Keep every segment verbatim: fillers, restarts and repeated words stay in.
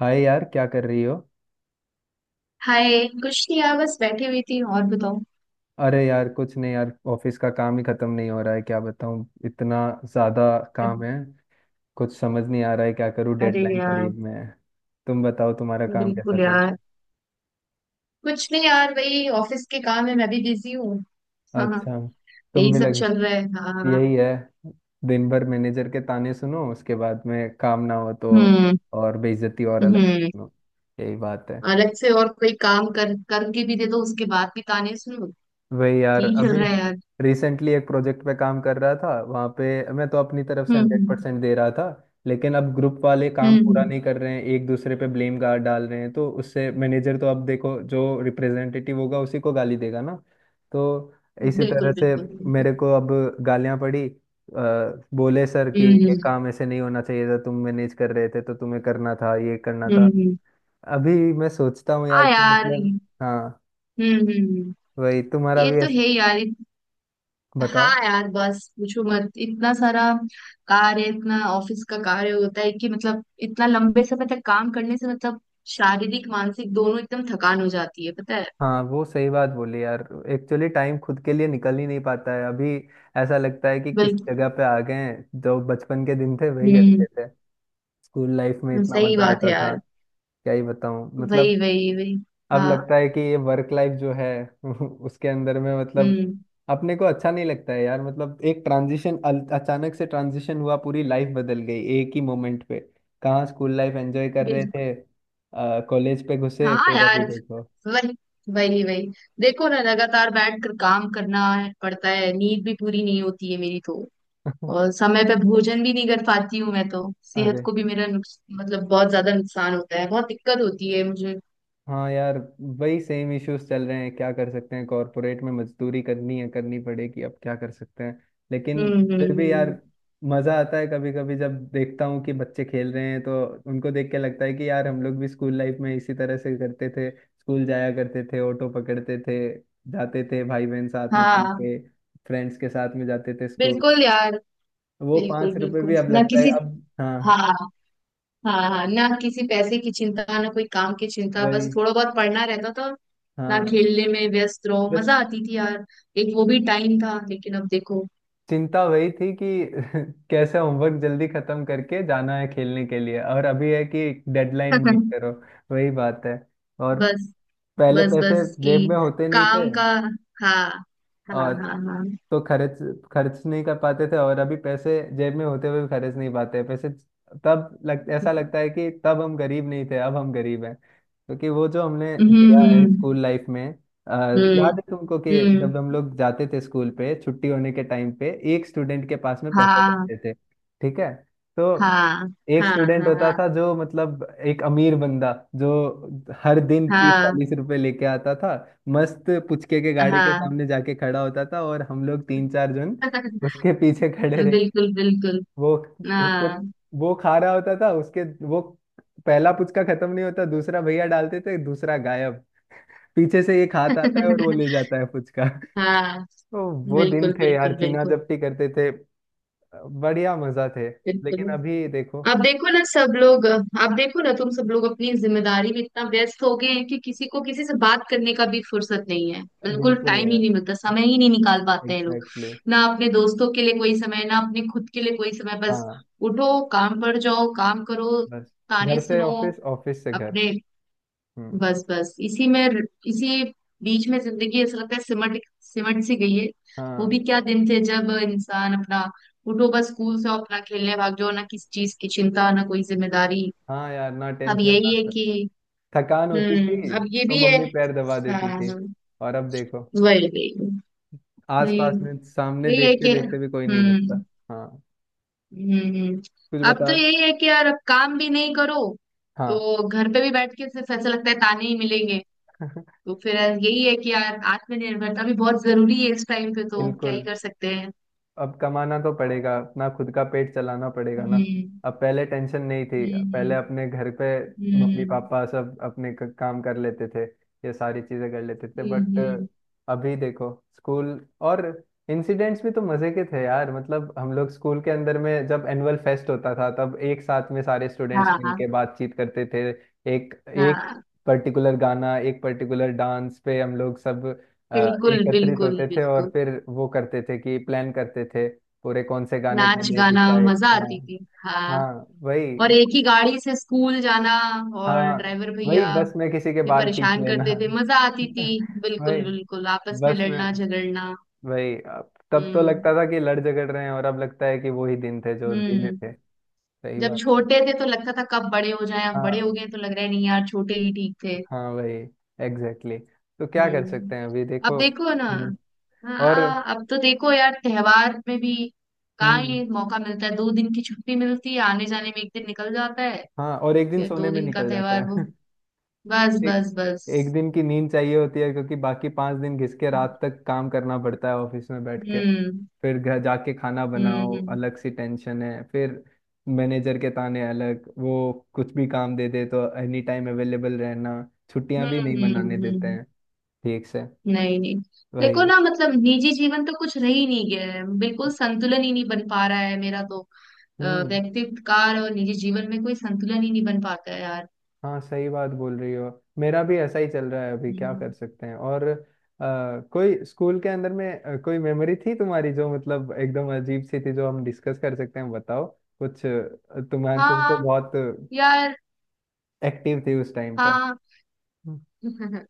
हाय यार, क्या कर रही हो। हाय। कुछ नहीं यार, बस बैठी हुई थी। और बताओ? अरे यार कुछ नहीं यार, ऑफिस का काम ही खत्म नहीं हो रहा है। क्या बताऊँ, इतना ज्यादा काम है। कुछ समझ नहीं आ रहा है क्या करूँ, अरे डेडलाइन यार, करीब में है। तुम बताओ तुम्हारा काम कैसा बिल्कुल चल यार। रहा कुछ नहीं यार, वही ऑफिस के काम है, मैं भी बिजी हूँ। है। हाँ हाँ, अच्छा, तुम यही भी सब लगे। चल रहा है। हाँ हाँ। यही है। दिन भर मैनेजर के ताने सुनो, उसके बाद में काम ना हो तो हम्म। और बेइज्जती और अलग से हम्म, सुनो। यही बात है। अलग से और कोई काम कर करके भी दे दो, उसके बाद भी ताने सुनो। वही यार, यही चल अभी रहा है यार। रिसेंटली एक प्रोजेक्ट पे काम कर रहा था, वहाँ पे मैं तो अपनी तरफ से हंड्रेड हम्म। परसेंट दे रहा था। लेकिन अब ग्रुप वाले काम पूरा हम्म। नहीं कर रहे हैं, एक दूसरे पे ब्लेम गार्ड डाल रहे हैं, तो उससे मैनेजर तो, अब देखो जो रिप्रेजेंटेटिव होगा उसी को गाली देगा ना। तो हम्म, इसी तरह बिल्कुल से बिल्कुल बिल्कुल। मेरे को अब गालियाँ पड़ी, अ, बोले सर कि ये हम्म, काम ऐसे नहीं होना चाहिए था, तुम मैनेज कर रहे थे तो तुम्हें करना था, ये करना हम्म, था। हम्म, अभी मैं सोचता हूँ यार हाँ कि यार। मतलब, हम्म, हाँ, हम्म, वही तुम्हारा ये भी तो ऐसे है यार। हाँ बताओ। यार, बस पूछो मत, इतना सारा कार्य, इतना ऑफिस का कार्य होता है कि मतलब इतना लंबे समय तक काम करने से मतलब शारीरिक मानसिक दोनों एकदम थकान हो जाती है, पता है। हाँ वो सही बात बोली यार। एक्चुअली टाइम खुद के लिए निकल ही नहीं पाता है अभी। ऐसा लगता है कि किस बिल्कुल। जगह पे आ गए हैं, जो बचपन के दिन थे वही हम्म, अच्छे थे। स्कूल लाइफ में हम्म, इतना सही मजा बात है आता था। यार। क्या ही बताऊं मतलब। वही वही वही अब हाँ। लगता है कि ये वर्क लाइफ जो है उसके अंदर में मतलब हम्म। अपने को अच्छा नहीं लगता है यार। मतलब एक ट्रांजिशन, अचानक से ट्रांजिशन हुआ, पूरी लाइफ बदल गई एक ही मोमेंट पे। कहाँ स्कूल लाइफ एंजॉय कर रहे बिल्कुल। थे, कॉलेज पे घुसे, हाँ फिर अभी यार, देखो वही वही वही देखो ना, लगातार बैठ कर काम करना पड़ता है, नींद भी पूरी नहीं होती है मेरी तो। और समय पे भोजन भी नहीं कर पाती हूँ मैं, तो सेहत अरे को भी मेरा नुक्स, मतलब बहुत ज्यादा नुकसान होता है, बहुत दिक्कत होती है मुझे। हाँ यार, वही सेम इश्यूज चल रहे हैं। क्या कर सकते हैं, कॉरपोरेट में मजदूरी करनी है, करनी पड़ेगी, अब क्या कर सकते हैं। लेकिन हम्म हम्म फिर भी हम्म, यार हम्म। मजा आता है कभी कभी, जब देखता हूँ कि बच्चे खेल रहे हैं तो उनको देख के लगता है कि यार हम लोग भी स्कूल लाइफ में इसी तरह से करते थे, स्कूल जाया करते थे, ऑटो पकड़ते थे, जाते थे भाई बहन साथ में हाँ, मिलके, फ्रेंड्स के साथ में जाते थे स्कूल। बिल्कुल यार। वो बिल्कुल पांच रुपए बिल्कुल, भी अब ना लगता है किसी। अब। हाँ हाँ हाँ हाँ, ना किसी पैसे की चिंता, ना कोई काम की चिंता, वही। बस थोड़ा बहुत पढ़ना रहता था। ना, हाँ खेलने में व्यस्त रहो, बस। मजा आती थी यार। एक वो भी टाइम था, लेकिन अब देखो। चिंता वही थी कि कैसे होमवर्क जल्दी खत्म करके जाना है खेलने के लिए, और अभी है कि डेडलाइन मीट करो। वही बात है। और बस पहले बस पैसे बस कि जेब में होते नहीं थे, काम का। हाँ। हाँ और हाँ हाँ। तो खर्च खर्च नहीं कर पाते थे, और अभी पैसे जेब में होते हुए भी खर्च नहीं पाते पैसे। तब लग ऐसा लगता है कि तब हम गरीब नहीं थे, अब हम गरीब हैं, क्योंकि वो जो हमने हम्म, दिया है हम्म। स्कूल लाइफ में। अ, हम्म याद है तुमको कि हम्म। जब हम लोग जाते थे स्कूल पे, छुट्टी होने के टाइम पे एक स्टूडेंट के पास में पैसे हाँ रहते थे। ठीक है। तो हाँ। एक हाँ स्टूडेंट होता हाँ था जो मतलब एक अमीर बंदा, जो हर दिन तीस हाँ चालीस रुपए लेके आता था। मस्त पुचके के गाड़ी के हाँ। सामने जाके खड़ा होता था और हम लोग तीन चार जन उसके पीछे खड़े रहे। बिल्कुल बिल्कुल। वो उसके हाँ। वो खा रहा होता था, उसके वो पहला पुचका खत्म नहीं होता दूसरा भैया डालते थे, दूसरा गायब। पीछे से एक हाथ आता है और वो ले जाता है पुचका हाँ। तो वो दिन बिल्कुल थे यार, बिल्कुल चीना बिल्कुल। जपटी करते थे। बढ़िया मजा थे। लेकिन बिल्कुल। अभी देखो। अब देखो ना, सब लोग अब देखो ना, तुम सब लोग अपनी जिम्मेदारी में इतना व्यस्त हो गए हैं कि किसी को किसी से बात करने का भी फुर्सत नहीं है, बिल्कुल बिल्कुल टाइम ही यार, नहीं मिलता, समय ही नहीं निकाल पाते हैं लोग। Exactly exactly। ना अपने दोस्तों के लिए कोई समय, ना अपने खुद के लिए कोई समय। बस हाँ उठो, काम पर जाओ, काम करो, बस, ताने घर से सुनो ऑफिस, ऑफिस से घर। अपने। हम्म। बस बस इसी में, इसी बीच में जिंदगी ऐसा लगता है सिमट सिमट सी गई है। वो हाँ भी क्या दिन थे जब इंसान अपना उठो, बस स्कूल से अपना खेलने भाग जाओ, ना किसी चीज की चिंता, ना कोई जिम्मेदारी। हाँ यार, ना अब टेंशन ना यही है थ- कि थकान होती हम्म, थी अब ये तो भी है। मम्मी पैर दबा हाँ देती थी। हाँ। और अब देखो वही वही वही आसपास में सामने यही है देखते कि देखते भी कोई नहीं मिलता। हम्म, हाँ। हम्म, हम्म। कुछ अब तो बता। यही है कि यार अब काम भी नहीं करो हाँ तो घर पे भी बैठ के सिर्फ ऐसा लगता है ताने ही मिलेंगे। तो फिर यही है कि यार, आत्मनिर्भरता भी बहुत जरूरी है इस टाइम पे, तो क्या बिल्कुल। ही कर सकते हैं। अब कमाना तो पड़ेगा, अपना खुद का पेट चलाना पड़ेगा ना। हम्म। अब पहले टेंशन नहीं थी। पहले हम्म अपने घर पे मम्मी हम्म पापा सब अपने क- काम कर लेते थे, ये सारी चीजें कर लेते थे, हम्म, बट हम्म, अभी देखो। स्कूल और इंसिडेंट्स भी तो मजे के थे यार। मतलब हम लोग स्कूल के अंदर में, जब एनुअल फेस्ट होता था तब एक साथ में सारे स्टूडेंट्स हाँ मिलके बातचीत करते थे। एक एक हाँ। पर्टिकुलर गाना, एक पर्टिकुलर डांस पे हम लोग सब अ, बिल्कुल एकत्रित बिल्कुल होते थे, और बिल्कुल। फिर वो करते थे कि प्लान करते थे पूरे, कौन से गाने नाच गाने गाना, डिसाइड। मजा हाँ आती थी। हाँ। हाँ वही। और एक ही गाड़ी से स्कूल जाना, और हाँ ड्राइवर भैया वही बस में किसी के भी बाल खींच परेशान लेना करते थे, मजा आती थी। बिल्कुल वही बिल्कुल, आपस में बस लड़ना में, झगड़ना। वही, अब- तब तो लगता हम्म था कि लड़ झगड़ रहे हैं, और अब लगता है कि वो ही दिन थे जो धीमे हम्म। थे। सही जब बात है। छोटे थे तो लगता था कब बड़े हो जाएं, अब बड़े हो हाँ गए तो लग रहा है नहीं यार, छोटे ही ठीक थे। हाँ वही एग्जैक्टली exactly। तो क्या कर सकते हम्म। हैं, अभी अब देखो। देखो ना। हम्म। और हाँ, अब तो देखो यार, त्योहार में भी कहाँ हम्म। ये मौका मिलता है, दो दिन की छुट्टी मिलती है, आने जाने में एक दिन निकल जाता है। हाँ और एक दिन फिर सोने दो में दिन का निकल जाता त्योहार, वो है। बस एक बस एक बस। दिन की नींद चाहिए होती है क्योंकि बाकी पांच दिन घिस के रात तक काम करना पड़ता है ऑफिस में बैठ के। हम्म फिर घर जाके खाना बनाओ, हम्म, अलग सी टेंशन है फिर। मैनेजर के ताने अलग, वो कुछ भी काम दे दे तो एनी टाइम अवेलेबल रहना, छुट्टियां हम्म भी नहीं मनाने हम्म, देते हम्म। हैं ठीक से। नहीं नहीं। देखो वही। ना, मतलब निजी जीवन तो कुछ रह ही नहीं गया है, बिल्कुल संतुलन ही नहीं बन पा रहा है मेरा तो। अ, हम्म। व्यक्तित्व कार और निजी जीवन में कोई संतुलन ही नहीं बन पाता है यार। हाँ सही बात बोल रही हो, मेरा भी ऐसा ही चल रहा है अभी। क्या कर हम्म। सकते हैं, और अ, कोई स्कूल के अंदर में अ, कोई मेमोरी थी तुम्हारी जो मतलब एकदम अजीब सी थी, जो हम डिस्कस कर सकते हैं, बताओ। कुछ अ, तुम्हारे, तुम तो हाँ बहुत यार। एक्टिव थी उस टाइम पे। हाँ। हम्म।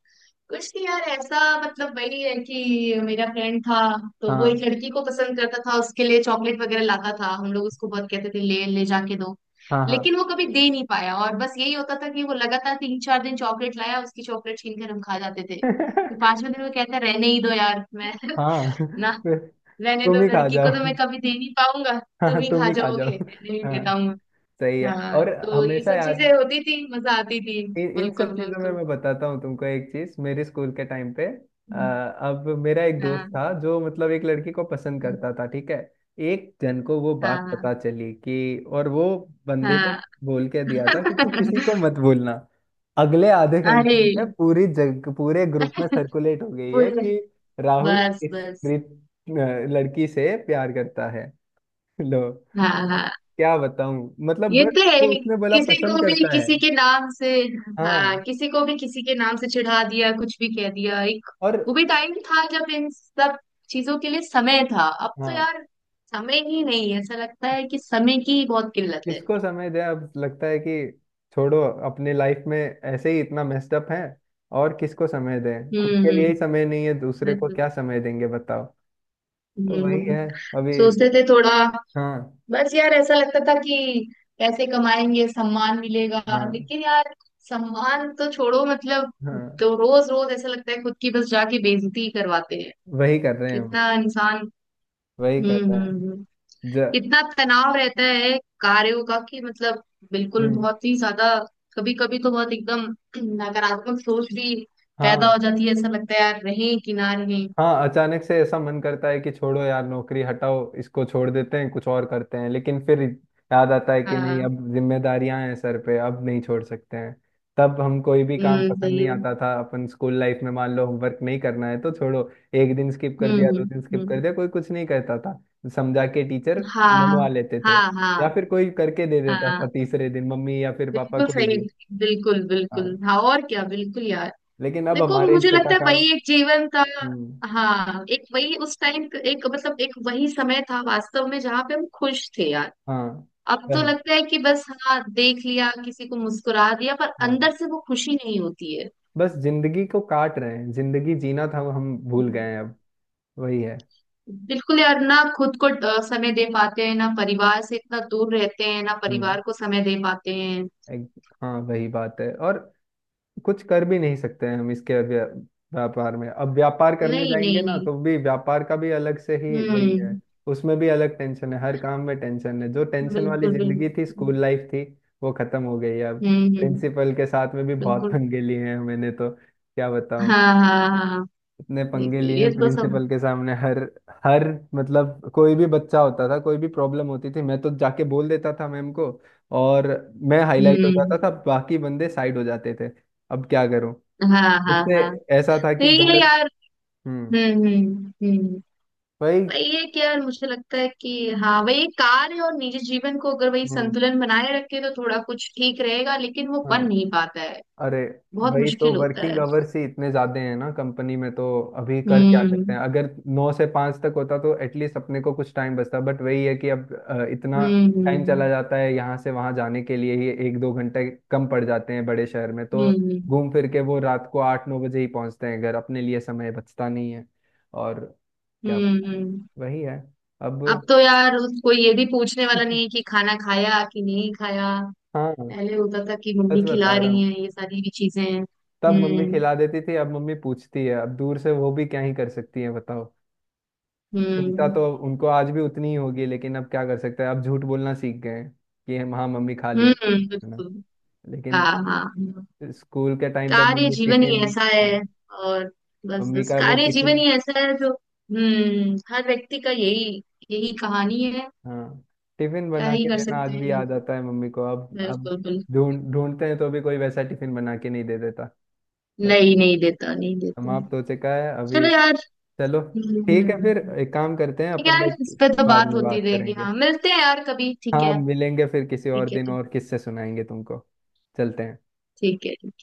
कुछ नहीं यार, ऐसा मतलब वही है कि मेरा फ्रेंड था, तो वो एक हाँ लड़की को पसंद करता था, उसके लिए चॉकलेट वगैरह लाता था। हम लोग उसको बहुत कहते थे, ले ले जाके दो, हाँ हाँ लेकिन वो कभी दे नहीं पाया। और बस यही होता था कि वो लगातार तीन चार दिन चॉकलेट लाया, उसकी चॉकलेट छीन कर हम खा जाते थे। फिर पांचवें दिन वो कहता रहने ही दो यार मैं। हाँ ना, रहने तुम दो, ही खा लड़की को तो जाओ मैं कभी दे नहीं पाऊंगा, तुम हाँ ही तुम खा ही खा जाओ। जाओगे, रहने नहीं हाँ देता हूँ मैं। सही है। हाँ, और तो ये हमेशा सब चीजें याद होती थी, मजा आती थी। इन इन बिल्कुल सब चीजों में, बिल्कुल। मैं बताता हूँ तुमको एक चीज मेरे स्कूल के टाइम पे, अ, हम्म, अब मेरा एक दोस्त हाँ था जो मतलब एक लड़की को पसंद करता था, ठीक है। एक जन को वो बात हाँ पता चली कि, और वो बंदे ने हाँ। बोल के दिया था कि तू किसी को मत बोलना। अगले आधे अरे घंटे में पूरी जग पूरे ग्रुप में सर्कुलेट हो गई है पूरे कि राहुल बस इस बस। प्रीत, अ, लड़की से प्यार करता है। लो, हाँ हाँ, क्या बताऊं, मतलब ये बस, तो है वो ही। उसने बोला किसी पसंद को भी करता है। किसी के नाम से, हाँ हाँ। किसी को भी किसी के नाम से चिढ़ा दिया, कुछ भी कह दिया। एक और वो भी टाइम था जब इन सब चीजों के लिए समय था। अब तो हाँ, यार समय ही नहीं है, ऐसा लगता है कि समय की ही बहुत किल्लत है। किसको समय दे, अब लगता है कि छोड़ो, अपने लाइफ में ऐसे ही इतना मेस्ड अप है। और किसको समय दें, खुद हम्म के लिए हम्म, ही समय नहीं है, दूसरे को बिल्कुल। क्या समय देंगे बताओ। तो वही हम्म। है अभी। सोचते थे थोड़ा, हाँ बस यार ऐसा लगता था कि पैसे कमाएंगे, सम्मान मिलेगा। हाँ। लेकिन यार, सम्मान तो छोड़ो मतलब, हाँ तो रोज रोज ऐसा लगता है खुद की बस जाके बेइज्जती ही करवाते हैं वही कर रहे हैं हम, कितना इंसान। वही कर हम्म रहे हम्म हैं। हम्म। ज कितना तनाव रहता है कार्यों का, कि मतलब बिल्कुल हम्म। बहुत ही ज्यादा। कभी कभी तो बहुत एकदम नकारात्मक सोच भी हाँ पैदा हो जाती है, ऐसा लगता है यार रहें कि ना रहें। हाँ, अचानक से ऐसा मन करता है कि छोड़ो यार नौकरी, हटाओ इसको, छोड़ देते हैं, कुछ और करते हैं, लेकिन फिर याद आता है कि नहीं, हाँ। अब जिम्मेदारियां हैं सर पे, अब नहीं छोड़ सकते हैं। तब हम कोई भी काम हम्म पसंद सही। नहीं आता था अपन, स्कूल लाइफ में मान लो होमवर्क नहीं करना है तो छोड़ो एक दिन स्किप कर हम्म दिया, दो हम्म दिन स्किप कर हम्म। दिया, कोई कुछ नहीं कहता था। समझा के टीचर मनवा हाँ लेते हाँ थे, हाँ या फिर कोई करके दे देता था हाँ, तीसरे दिन, मम्मी या फिर पापा बिल्कुल कोई सही। भी। बिल्कुल हाँ। बिल्कुल, हाँ, और क्या, बिल्कुल यार। लेकिन अब देखो हमारे मुझे हिस्से का लगता है काम। वही एक जीवन था। हम्म। हाँ, एक वही उस टाइम, एक मतलब एक वही समय था वास्तव में जहाँ पे हम खुश थे यार। हाँ अब तो वही। लगता है कि बस हाँ देख लिया किसी को, मुस्कुरा दिया, पर हाँ अंदर से वो खुशी नहीं होती है। बस जिंदगी को काट रहे हैं, जिंदगी जीना था वो हम भूल गए हैं अब। वही है। बिल्कुल यार, ना खुद को अ, समय दे पाते हैं, ना परिवार से इतना दूर रहते हैं, ना हम्म। परिवार को समय दे पाते हैं। एक, हाँ वही बात है। और कुछ कर भी नहीं सकते हैं हम इसके व्या, व्यापार में। अब व्यापार करने नहीं जाएंगे नहीं ना नहीं। तो भी व्यापार का भी अलग से ही वही हम्म। है, उसमें भी अलग टेंशन है, हर काम में टेंशन है। जो टेंशन वाली बिल्कुल बिल्कुल। जिंदगी थी स्कूल लाइफ थी, वो खत्म हो गई है अब। हम्म हम्म। प्रिंसिपल के साथ में भी बहुत बिल्कुल। पंगे लिए हैं मैंने, तो क्या हाँ बताऊं, हाँ हाँ हाँ, हाँ, इतने पंगे बिल्कुल, लिए ये हैं तो सब। प्रिंसिपल के सामने। हर हर मतलब कोई भी बच्चा होता था, कोई भी प्रॉब्लम होती थी, मैं तो जाके बोल देता था मैम को। और मैं हाईलाइट हो हम्म। जाता था, बाकी बंदे साइड हो जाते थे। अब क्या करूं, हाँ हाँ मुझसे हाँ। ऐसा था तो कि ये गलत। यार। हम्म। हम्म हम्म हम्म। वही। भाई ये क्या यार, मुझे लगता है कि हाँ वही कार्य और निजी जीवन को अगर वही हम्म। संतुलन बनाए रखे तो थोड़ा कुछ ठीक रहेगा, लेकिन वो बन हाँ नहीं पाता है। अरे बहुत भाई, तो मुश्किल होता वर्किंग है। आवर्स ही इतने ज्यादा हैं ना कंपनी में, तो अभी कर क्या सकते हम्म हैं। अगर नौ से पाँच तक होता तो एटलीस्ट अपने को कुछ टाइम बचता, बट वही है कि अब अ, इतना हम्म टाइम चला हम्म। जाता है यहाँ से वहाँ जाने के लिए ही एक दो घंटे कम पड़ जाते हैं बड़े शहर में, तो हम्म घूम फिर के वो रात को आठ नौ बजे ही पहुँचते हैं घर, अपने लिए समय बचता नहीं है और क्या हम्म बताएं। हम्म। वही है अब अब तो यार उसको ये भी पूछने वाला नहीं है कि खाना खाया कि नहीं खाया। हाँ पहले होता था कि सच मम्मी खिला बता रहा रही हूँ, है, ये सारी भी चीजें हैं। तब मम्मी हम्म। खिला देती थी, अब मम्मी पूछती है, अब दूर से वो भी क्या ही कर सकती है बताओ। चिंता हम्म तो उनको आज भी उतनी ही होगी, लेकिन अब क्या कर सकते हैं, अब झूठ बोलना सीख गए हैं कि हम हाँ मम्मी खा लिया, हम्म। है ना। बिल्कुल। हाँ लेकिन हाँ हाँ। स्कूल के टाइम पे कार्य मम्मी जीवन ही टिफिन, ऐसा हाँ है। और बस मम्मी बस का वो कार्य टिफिन, जीवन ही ऐसा है, जो हम्म हर व्यक्ति का यही, यही कहानी है। हाँ टिफिन क्या बना ही के कर देना सकते आज हैं, भी ये याद तो। आता है मम्मी को। अब अब बिल्कुल बिल्कुल। ढूंढ ढूंढते हैं तो भी कोई वैसा टिफिन बना के नहीं दे देता नहीं भाई। नहीं देता, नहीं देता। समाप्त हो चुका है चलो अभी। यार। चलो ठीक है, हम्म, फिर एक काम करते हैं ठीक है अपन यार, इस लोग, पे तो बाद बात में होती बात रहेगी। करेंगे। हाँ, मिलते हैं यार कभी, ठीक हाँ है। मिलेंगे फिर किसी और ठीक है दिन, ठीक और किससे सुनाएंगे तुमको, चलते है हैं। ठीक है।